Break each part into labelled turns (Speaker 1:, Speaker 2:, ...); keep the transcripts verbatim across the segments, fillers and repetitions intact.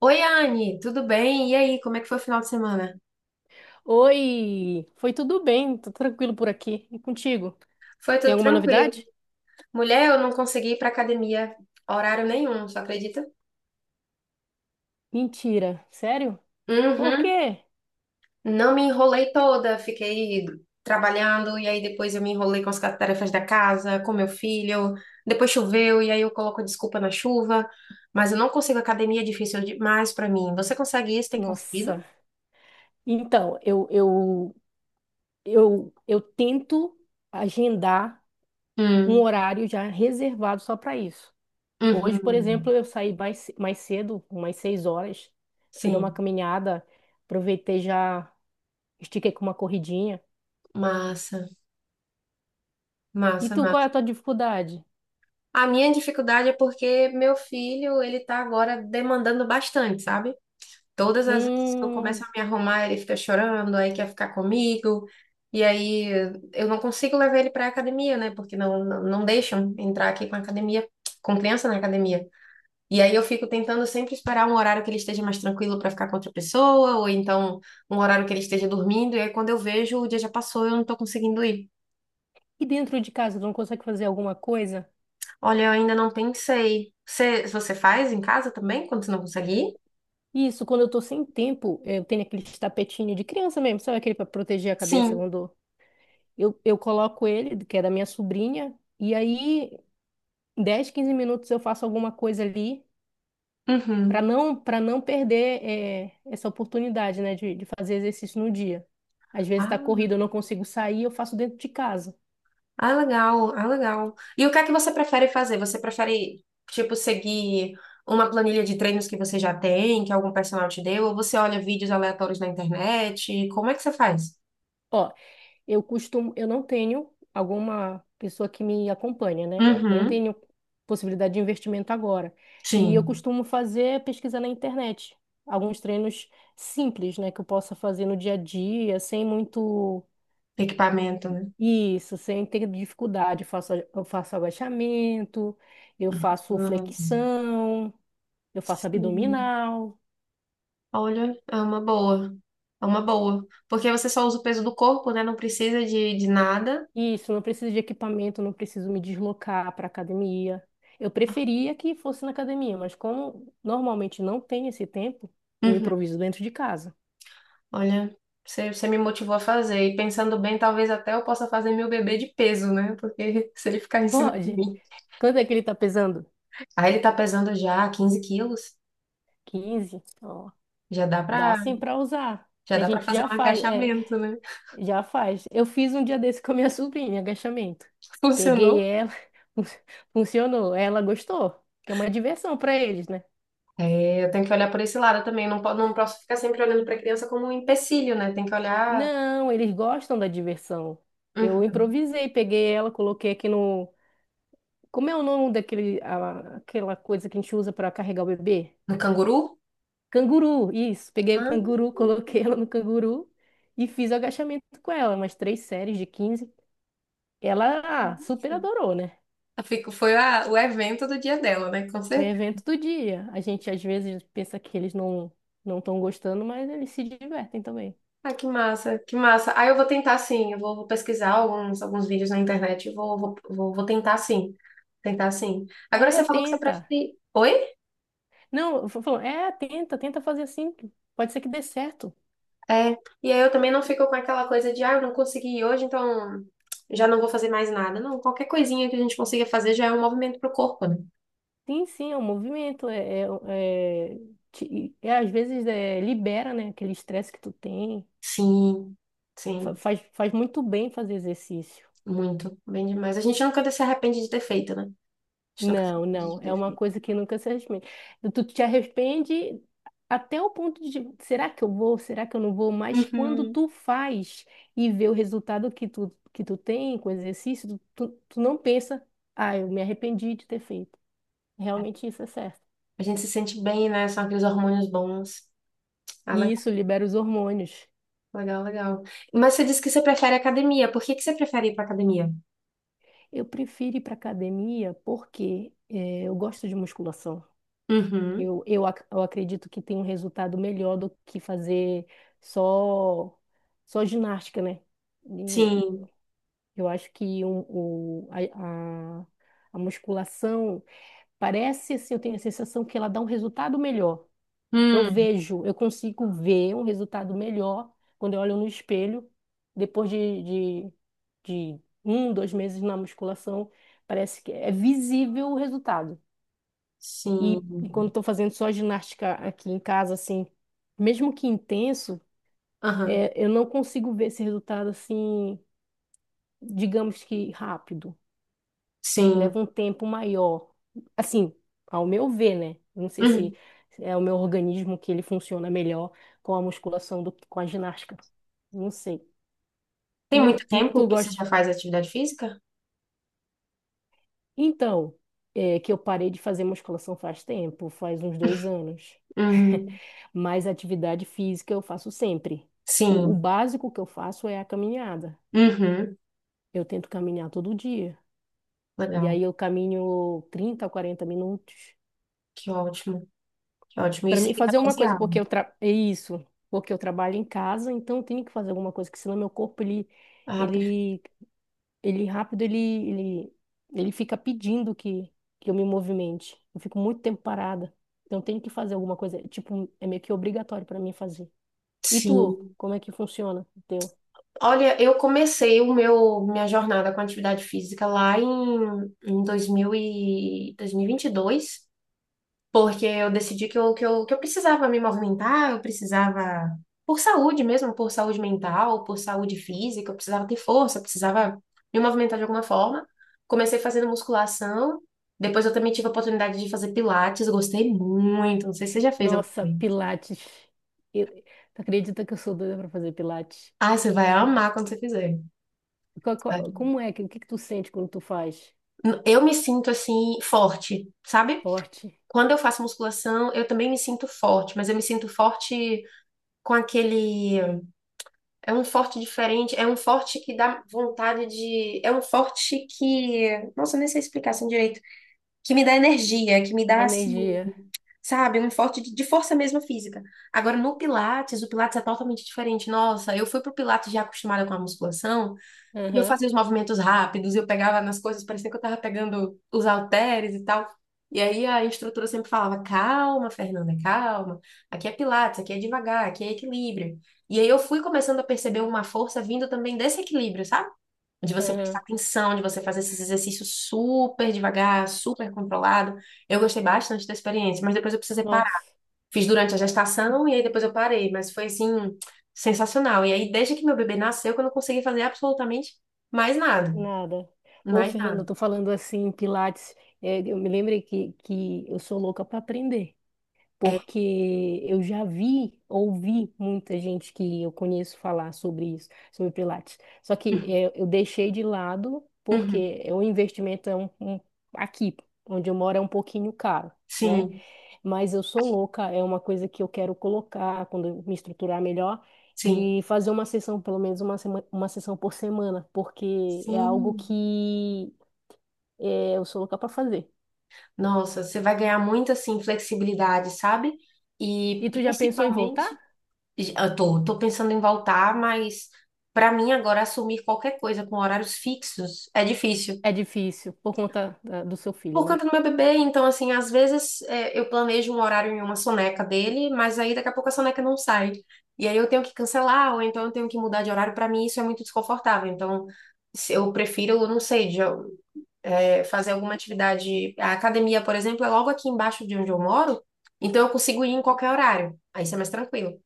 Speaker 1: Oi, Anne, tudo bem? E aí, como é que foi o final de semana?
Speaker 2: Oi, foi tudo bem, tô tranquilo por aqui. E contigo?
Speaker 1: Foi
Speaker 2: Tem
Speaker 1: tudo
Speaker 2: alguma
Speaker 1: tranquilo.
Speaker 2: novidade?
Speaker 1: Mulher, eu não consegui ir pra academia horário nenhum, só acredita?
Speaker 2: Mentira, sério? Por
Speaker 1: Uhum.
Speaker 2: quê?
Speaker 1: Não me enrolei toda, fiquei trabalhando e aí depois eu me enrolei com as tarefas da casa, com meu filho. Depois choveu e aí eu coloco desculpa na chuva, mas eu não consigo academia, é difícil demais pra mim. Você consegue isso? Tem conseguido?
Speaker 2: Nossa. Então, eu eu eu eu tento agendar um
Speaker 1: Hum.
Speaker 2: horário já reservado só para isso. Hoje, por exemplo,
Speaker 1: Uhum.
Speaker 2: eu saí mais, ce- mais cedo, umas seis horas, fui dar uma
Speaker 1: Sim.
Speaker 2: caminhada, aproveitei já, estiquei com uma corridinha.
Speaker 1: Massa,
Speaker 2: E
Speaker 1: massa,
Speaker 2: tu, qual
Speaker 1: massa.
Speaker 2: é a tua dificuldade?
Speaker 1: A minha dificuldade é porque meu filho, ele tá agora demandando bastante, sabe? Todas as vezes que eu começo
Speaker 2: Hum,
Speaker 1: a me arrumar, ele fica chorando, aí quer ficar comigo. E aí eu não consigo levar ele para academia, né? Porque não, não, não deixam entrar aqui com a academia, com criança na academia. E aí eu fico tentando sempre esperar um horário que ele esteja mais tranquilo para ficar com outra pessoa, ou então um horário que ele esteja dormindo. E aí quando eu vejo, o dia já passou, eu não tô conseguindo ir.
Speaker 2: e dentro de casa, tu não consegue fazer alguma coisa?
Speaker 1: Olha, eu ainda não pensei. Você, você faz em casa também, quando você não consegue ir?
Speaker 2: Isso, quando eu tô sem tempo, eu tenho aquele tapetinho de criança mesmo, sabe, aquele para proteger a cabeça
Speaker 1: Sim.
Speaker 2: quando eu, eu coloco ele, que é da minha sobrinha, e aí em dez, quinze minutos eu faço alguma coisa ali
Speaker 1: Uhum.
Speaker 2: para não para não perder, eh, essa oportunidade, né, de, de fazer exercício no dia. Às vezes
Speaker 1: Ah,
Speaker 2: tá corrido, eu não consigo sair, eu faço dentro de casa.
Speaker 1: ah, legal, ah, legal. E o que é que você prefere fazer? Você prefere, tipo, seguir uma planilha de treinos que você já tem, que algum personal te deu? Ou você olha vídeos aleatórios na internet? Como é que você faz?
Speaker 2: Ó, eu costumo, eu não tenho alguma pessoa que me acompanha, né? Não
Speaker 1: Uhum.
Speaker 2: tenho possibilidade de investimento agora. E eu
Speaker 1: Sim.
Speaker 2: costumo fazer pesquisa na internet, alguns treinos simples, né, que eu possa fazer no dia a dia, sem muito
Speaker 1: Equipamento, né?
Speaker 2: isso, sem ter dificuldade. Eu faço, eu faço agachamento, eu faço
Speaker 1: Uhum.
Speaker 2: flexão, eu faço
Speaker 1: Sim.
Speaker 2: abdominal.
Speaker 1: Olha, é uma boa. É uma boa. Porque você só usa o peso do corpo, né? Não precisa de, de nada.
Speaker 2: Isso, não preciso de equipamento, não preciso me deslocar para academia. Eu preferia que fosse na academia, mas como normalmente não tem esse tempo, eu
Speaker 1: Uhum.
Speaker 2: improviso dentro de casa.
Speaker 1: Olha, você, você me motivou a fazer. E pensando bem, talvez até eu possa fazer meu bebê de peso, né? Porque se ele ficar em cima de
Speaker 2: Pode.
Speaker 1: mim.
Speaker 2: Quanto é que ele tá pesando?
Speaker 1: Aí ele tá pesando já quinze quilos.
Speaker 2: Quinze, ó,
Speaker 1: Já dá
Speaker 2: dá
Speaker 1: pra,
Speaker 2: sim para usar.
Speaker 1: já
Speaker 2: A
Speaker 1: dá pra
Speaker 2: gente
Speaker 1: fazer
Speaker 2: já
Speaker 1: um
Speaker 2: faz, é,
Speaker 1: agachamento, né?
Speaker 2: já faz. Eu fiz um dia desse com a minha sobrinha, agachamento. Peguei
Speaker 1: Funcionou.
Speaker 2: ela, funcionou. Ela gostou, que é uma diversão para eles, né?
Speaker 1: É, eu tenho que olhar por esse lado também. Não, po- não posso ficar sempre olhando pra criança como um empecilho, né? Tem que olhar.
Speaker 2: Não, eles gostam da diversão. Eu
Speaker 1: Uhum.
Speaker 2: improvisei, peguei ela, coloquei aqui no. Como é o nome daquele, a- aquela coisa que a gente usa para carregar o bebê?
Speaker 1: No canguru?
Speaker 2: Canguru, isso. Peguei o
Speaker 1: Ah,
Speaker 2: canguru, coloquei ela no canguru e fiz o agachamento com ela, umas três séries de quinze. Ela, ah, super
Speaker 1: nossa.
Speaker 2: adorou, né?
Speaker 1: Eu fico- foi a- o evento do dia dela, né? Com
Speaker 2: O
Speaker 1: certeza.
Speaker 2: evento do dia. A gente às vezes pensa que eles não não estão gostando, mas eles se divertem também.
Speaker 1: Ah, que massa, que massa. Ah, eu vou tentar sim, eu vou, vou pesquisar alguns, alguns vídeos na internet, eu vou, vou, vou, vou tentar sim, tentar sim. Agora
Speaker 2: É,
Speaker 1: você falou que você
Speaker 2: tenta.
Speaker 1: prefere. Oi?
Speaker 2: Não, eu falo, é, tenta, tenta fazer assim. Pode ser que dê certo.
Speaker 1: É, e aí eu também não fico com aquela coisa de, ah, eu não consegui ir hoje, então já não vou fazer mais nada. Não, qualquer coisinha que a gente consiga fazer já é um movimento pro corpo, né?
Speaker 2: Sim, sim, é um movimento. É, é, é, te- é, às vezes, é, libera, né, aquele estresse que tu tem.
Speaker 1: Sim, sim,
Speaker 2: Fa- Faz, faz muito bem fazer exercício.
Speaker 1: muito, bem demais. A gente nunca se arrepende de ter feito, né? A gente nunca se
Speaker 2: Não,
Speaker 1: arrepende de
Speaker 2: não, é
Speaker 1: ter
Speaker 2: uma
Speaker 1: feito.
Speaker 2: coisa que nunca se arrepende. Tu te arrepende até o ponto de, será que eu vou? Será que eu não vou? Mas quando
Speaker 1: Uhum.
Speaker 2: tu faz e vê o resultado que tu, que tu tem com o exercício, tu, tu, tu não pensa, ah, eu me arrependi de ter feito. Realmente isso é certo.
Speaker 1: A gente se sente bem, né? São aqueles hormônios bons. Ah,
Speaker 2: E isso libera os hormônios.
Speaker 1: legal, legal. Mas você disse que você prefere academia. Por que que você prefere ir para academia?
Speaker 2: Eu prefiro ir para academia porque eh, eu gosto de musculação.
Speaker 1: Uhum.
Speaker 2: Eu, eu, ac- eu acredito que tem um resultado melhor do que fazer só, só ginástica, né? Eu,
Speaker 1: Sim.
Speaker 2: eu acho que um- o, a, a, a musculação parece assim, eu tenho a sensação que ela dá um resultado melhor. Eu
Speaker 1: Hum.
Speaker 2: vejo, eu consigo ver um resultado melhor quando eu olho no espelho, depois de, de, de um, dois meses na musculação, parece que é visível o resultado. E, e quando
Speaker 1: Sim.
Speaker 2: estou fazendo só ginástica aqui em casa, assim, mesmo que intenso,
Speaker 1: Aham.
Speaker 2: é, eu não consigo ver esse resultado assim, digamos que rápido.
Speaker 1: Sim.
Speaker 2: Leva um tempo maior. Assim, ao meu ver, né? Não sei se
Speaker 1: Uhum.
Speaker 2: é o meu organismo que ele funciona melhor com a musculação do que com a ginástica. Não sei.
Speaker 1: Tem
Speaker 2: E, o,
Speaker 1: muito
Speaker 2: e tu
Speaker 1: tempo que você
Speaker 2: gosta?
Speaker 1: já faz atividade física?
Speaker 2: Então, é que eu parei de fazer musculação faz tempo, faz uns dois anos.
Speaker 1: Uhum.
Speaker 2: Mas atividade física eu faço sempre. O, o
Speaker 1: Sim.
Speaker 2: básico que eu faço é a caminhada.
Speaker 1: Uhum.
Speaker 2: Eu tento caminhar todo dia. E
Speaker 1: Legal.
Speaker 2: aí eu caminho trinta a 40 minutos.
Speaker 1: Que ótimo. Que ótimo.
Speaker 2: Para
Speaker 1: Isso
Speaker 2: mim,
Speaker 1: é
Speaker 2: fazer uma coisa, porque
Speaker 1: negociável.
Speaker 2: eu tra... é isso, porque eu trabalho em casa, então eu tenho que fazer alguma coisa, que senão meu corpo, ele,
Speaker 1: Ah, perfeito.
Speaker 2: ele, ele rápido, ele, ele, ele fica pedindo que, que eu me movimente. Eu fico muito tempo parada, então eu tenho que fazer alguma coisa, tipo, é meio que obrigatório para mim fazer. E tu,
Speaker 1: Sim.
Speaker 2: como é que funciona o teu?
Speaker 1: Olha, eu comecei o meu minha jornada com atividade física lá em, em dois mil e dois mil e e vinte e dois porque eu decidi que eu, que eu, que eu precisava me movimentar, eu precisava, por saúde mesmo, por saúde mental, por saúde física, eu precisava ter força, eu precisava me movimentar de alguma forma. Comecei fazendo musculação, depois eu também tive a oportunidade de fazer Pilates, gostei muito, não sei se você já fez alguma
Speaker 2: Nossa,
Speaker 1: vez.
Speaker 2: Pilates. Eu... Tu acredita que eu sou doida para fazer Pilates?
Speaker 1: Ah, você vai amar quando você fizer.
Speaker 2: Qual- qual-
Speaker 1: Sabe?
Speaker 2: Como é que, o que que tu sente quando tu faz?
Speaker 1: Eu me sinto assim, forte, sabe?
Speaker 2: Forte,
Speaker 1: Quando eu faço musculação, eu também me sinto forte, mas eu me sinto forte com aquele É um forte diferente, é um forte que dá vontade de. É um forte que. Nossa, eu nem sei explicar assim direito. Que me dá energia, que me dá, assim,
Speaker 2: energia.
Speaker 1: sabe? Um forte de, de força mesmo física. Agora, no Pilates, o Pilates é totalmente diferente. Nossa, eu fui pro Pilates já acostumada com a musculação. E eu
Speaker 2: Aham,
Speaker 1: fazia os movimentos rápidos, e eu pegava nas coisas, parecia que eu tava pegando os halteres e tal. E aí a instrutora sempre falava: calma, Fernanda, calma. Aqui é Pilates, aqui é devagar, aqui é equilíbrio. E aí eu fui começando a perceber uma força vindo também desse equilíbrio, sabe? De você prestar
Speaker 2: aham.
Speaker 1: atenção, de você fazer esses exercícios super devagar, super controlado. Eu gostei bastante da experiência, mas depois eu precisei parar.
Speaker 2: Nossa,
Speaker 1: Fiz durante a gestação e aí depois eu parei, mas foi assim, sensacional. E aí, desde que meu bebê nasceu, que eu não consegui fazer absolutamente mais nada.
Speaker 2: nada. Ô,
Speaker 1: Mais
Speaker 2: Fernanda, eu
Speaker 1: nada.
Speaker 2: tô falando assim, Pilates, é, eu me lembrei que, que eu sou louca para aprender,
Speaker 1: É.
Speaker 2: porque eu já vi, ouvi muita gente que eu conheço falar sobre isso, sobre Pilates. Só que
Speaker 1: Uhum.
Speaker 2: é, eu deixei de lado,
Speaker 1: Uhum.
Speaker 2: porque é, o investimento é um, um- aqui, onde eu moro, é um pouquinho caro, né?
Speaker 1: Sim,
Speaker 2: Mas eu sou louca, é uma coisa que eu quero colocar quando eu me estruturar melhor,
Speaker 1: sim,
Speaker 2: de fazer uma sessão, pelo menos uma, sema- uma sessão por semana, porque é algo
Speaker 1: sim.
Speaker 2: que é, eu sou louca para fazer.
Speaker 1: Nossa, você vai ganhar muito assim, flexibilidade, sabe? E
Speaker 2: E tu já pensou em voltar?
Speaker 1: principalmente, eu tô, tô pensando em voltar, mas para mim agora assumir qualquer coisa com horários fixos é difícil.
Speaker 2: É difícil, por conta da- do seu filho,
Speaker 1: Por
Speaker 2: né?
Speaker 1: conta do meu bebê, então, assim, às vezes é, eu planejo um horário em uma soneca dele, mas aí daqui a pouco a soneca não sai. E aí eu tenho que cancelar, ou então eu tenho que mudar de horário. Para mim, isso é muito desconfortável. Então, se- eu prefiro, não sei, de- é, fazer alguma atividade. A academia, por exemplo, é logo aqui embaixo de onde eu moro, então eu consigo ir em qualquer horário. Aí isso é mais tranquilo.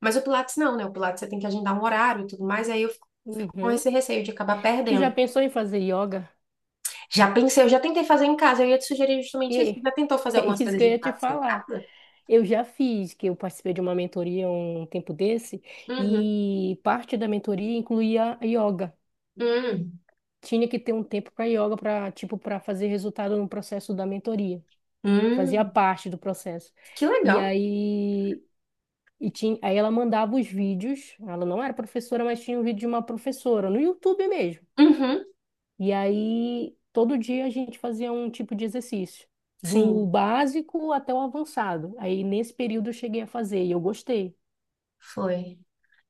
Speaker 1: Mas o Pilates não, né? O Pilates você tem que agendar um horário e tudo mais, e aí eu fico fico com
Speaker 2: Uhum.
Speaker 1: esse receio de acabar
Speaker 2: Tu já
Speaker 1: perdendo.
Speaker 2: pensou em fazer yoga?
Speaker 1: Já pensei, eu já tentei fazer em casa. Eu ia te sugerir justamente isso. Você
Speaker 2: E
Speaker 1: já tentou fazer
Speaker 2: é
Speaker 1: algumas
Speaker 2: isso
Speaker 1: coisas
Speaker 2: que eu
Speaker 1: de
Speaker 2: ia te
Speaker 1: patos em
Speaker 2: falar.
Speaker 1: casa?
Speaker 2: Eu já fiz, que eu participei de uma mentoria um tempo desse,
Speaker 1: Uhum.
Speaker 2: e parte da mentoria incluía yoga.
Speaker 1: Hum.
Speaker 2: Tinha que ter um tempo para yoga para, tipo, para fazer resultado no processo da mentoria, fazia
Speaker 1: Hum.
Speaker 2: parte do processo.
Speaker 1: Que
Speaker 2: E
Speaker 1: legal.
Speaker 2: aí e tinha, aí ela mandava os vídeos, ela não era professora, mas tinha um vídeo de uma professora no YouTube mesmo.
Speaker 1: Uhum.
Speaker 2: E aí todo dia a gente fazia um tipo de exercício, do
Speaker 1: Sim,
Speaker 2: básico até o avançado. Aí nesse período eu cheguei a fazer, e eu gostei.
Speaker 1: foi.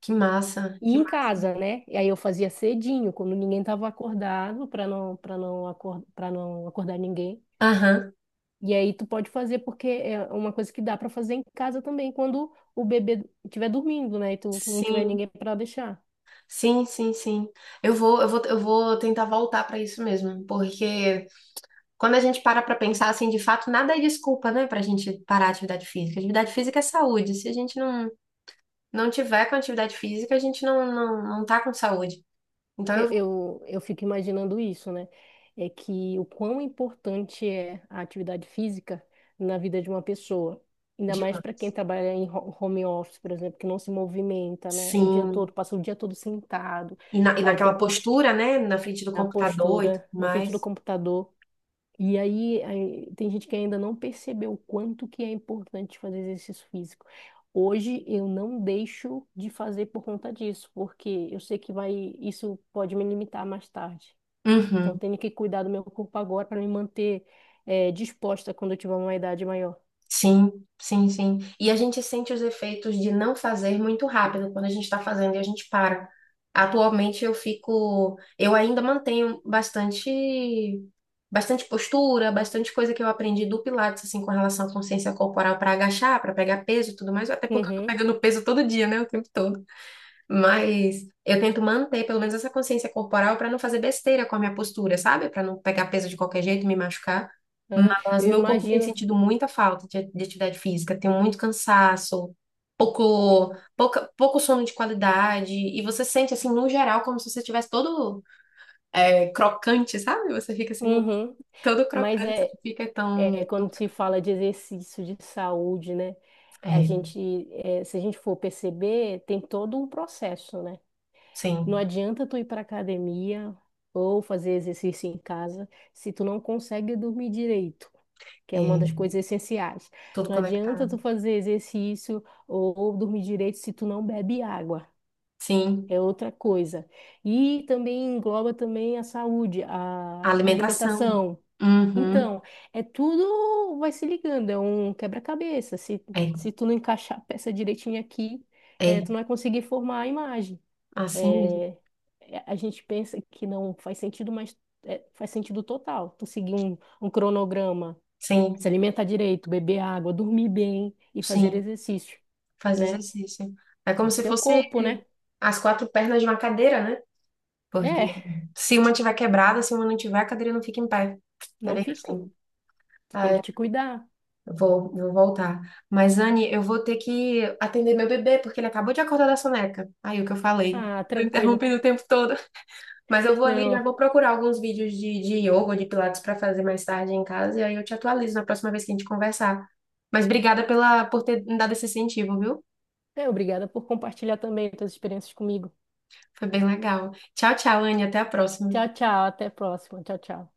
Speaker 1: Que massa.
Speaker 2: E
Speaker 1: Que
Speaker 2: em
Speaker 1: massa.
Speaker 2: casa, né? E aí eu fazia cedinho, quando ninguém estava acordado, para não, para não, acor para não acordar ninguém.
Speaker 1: Aham.
Speaker 2: E aí tu pode fazer, porque é uma coisa que dá para fazer em casa também quando o bebê estiver dormindo, né? E tu não tiver
Speaker 1: Sim.
Speaker 2: ninguém para deixar.
Speaker 1: Sim, sim, sim. Eu vou, eu vou, eu vou tentar voltar para isso mesmo, porque quando a gente para para pensar assim, de fato, nada é desculpa, né, para a gente parar a atividade física. Atividade física é saúde. Se a gente não não tiver com atividade física, a gente não não, não tá com saúde. Então eu
Speaker 2: Eu,
Speaker 1: vou
Speaker 2: eu, eu fico imaginando isso, né? É que o quão importante é a atividade física na vida de uma pessoa. Ainda mais para
Speaker 1: demais.
Speaker 2: quem trabalha em ho- home office, por exemplo, que não se movimenta, né? O dia todo,
Speaker 1: Sim.
Speaker 2: passa o dia todo sentado,
Speaker 1: E, na, e
Speaker 2: aí tem
Speaker 1: naquela
Speaker 2: pouco,
Speaker 1: postura, né? Na frente do
Speaker 2: na
Speaker 1: computador e tudo
Speaker 2: postura, na frente do
Speaker 1: mais.
Speaker 2: computador. E aí, aí, tem gente que ainda não percebeu o quanto que é importante fazer exercício físico. Hoje eu não deixo de fazer por conta disso, porque eu sei que vai, isso pode me limitar mais tarde. Então eu
Speaker 1: Uhum.
Speaker 2: tenho que cuidar do meu corpo agora para me manter, eh, disposta quando eu tiver uma idade maior.
Speaker 1: Sim, sim, sim. E a gente sente os efeitos de não fazer muito rápido quando a gente está fazendo e a gente para. Atualmente eu fico, eu ainda mantenho bastante, bastante postura, bastante coisa que eu aprendi do Pilates, assim, com relação à consciência corporal para agachar, para pegar peso e tudo mais, até porque eu tô
Speaker 2: Uhum,
Speaker 1: pegando peso todo dia, né? O tempo todo. Mas eu tento manter pelo menos essa consciência corporal para não fazer besteira com a minha postura, sabe? Para não pegar peso de qualquer jeito e me machucar.
Speaker 2: uhum.
Speaker 1: Mas
Speaker 2: Eu
Speaker 1: meu corpo tem
Speaker 2: imagino.
Speaker 1: sentido muita falta de, de atividade física, tenho muito cansaço, pouco, pouca, pouco sono de qualidade, e você sente assim, no geral, como se você estivesse todo é, crocante, sabe? Você fica assim,
Speaker 2: Uhum.
Speaker 1: todo
Speaker 2: Mas
Speaker 1: crocante, você
Speaker 2: é,
Speaker 1: não fica
Speaker 2: é
Speaker 1: tão. tão-
Speaker 2: quando se fala de exercício, de saúde, né? A
Speaker 1: É,
Speaker 2: gente, é, se a gente for perceber, tem todo um processo, né? Não
Speaker 1: sim,
Speaker 2: adianta tu ir para academia ou fazer exercício em casa se tu não consegue dormir direito, que é uma
Speaker 1: é,
Speaker 2: das coisas essenciais.
Speaker 1: tudo
Speaker 2: Não adianta tu
Speaker 1: conectado.
Speaker 2: fazer exercício ou, ou dormir direito se tu não bebe água.
Speaker 1: Sim,
Speaker 2: É outra coisa. E também engloba também a saúde,
Speaker 1: a
Speaker 2: a
Speaker 1: alimentação.
Speaker 2: alimentação.
Speaker 1: Uhum,
Speaker 2: Então, é tudo vai se ligando, é um quebra-cabeça. Se,
Speaker 1: é.
Speaker 2: se tu não encaixar a peça direitinho aqui, eh,
Speaker 1: É.
Speaker 2: tu não vai conseguir formar a imagem.
Speaker 1: Assim mesmo.
Speaker 2: É, é, a gente pensa que não faz sentido, mas é, faz sentido total. Tu seguir um, um cronograma, se
Speaker 1: Sim,
Speaker 2: alimentar direito, beber água, dormir bem e fazer
Speaker 1: sim,
Speaker 2: exercício,
Speaker 1: faz
Speaker 2: né?
Speaker 1: exercício. É como
Speaker 2: O
Speaker 1: se
Speaker 2: teu
Speaker 1: fosse
Speaker 2: corpo, né?
Speaker 1: as quatro pernas de uma cadeira, né?
Speaker 2: É,
Speaker 1: Porque se uma tiver quebrada, se uma não tiver, a cadeira não fica em pé. É
Speaker 2: não
Speaker 1: bem
Speaker 2: fica.
Speaker 1: assim.
Speaker 2: Tu
Speaker 1: Ah,
Speaker 2: tem que
Speaker 1: é.
Speaker 2: te cuidar.
Speaker 1: vou, vou voltar. Mas, Anne, eu vou ter que atender meu bebê, porque ele acabou de acordar da soneca. Aí, o que eu falei.
Speaker 2: Ah,
Speaker 1: Tô interrompendo
Speaker 2: tranquilo.
Speaker 1: o tempo todo. Mas eu vou ali, já
Speaker 2: Não,
Speaker 1: vou procurar alguns vídeos de, de yoga ou de Pilates para fazer mais tarde em casa. E aí eu te atualizo na próxima vez que a gente conversar. Mas obrigada pela, por ter me dado esse incentivo, viu?
Speaker 2: é, obrigada por compartilhar também tuas experiências comigo.
Speaker 1: Foi bem legal. Tchau, tchau, Anne. Até a próxima.
Speaker 2: Tchau, tchau. Até a próxima. Tchau, tchau.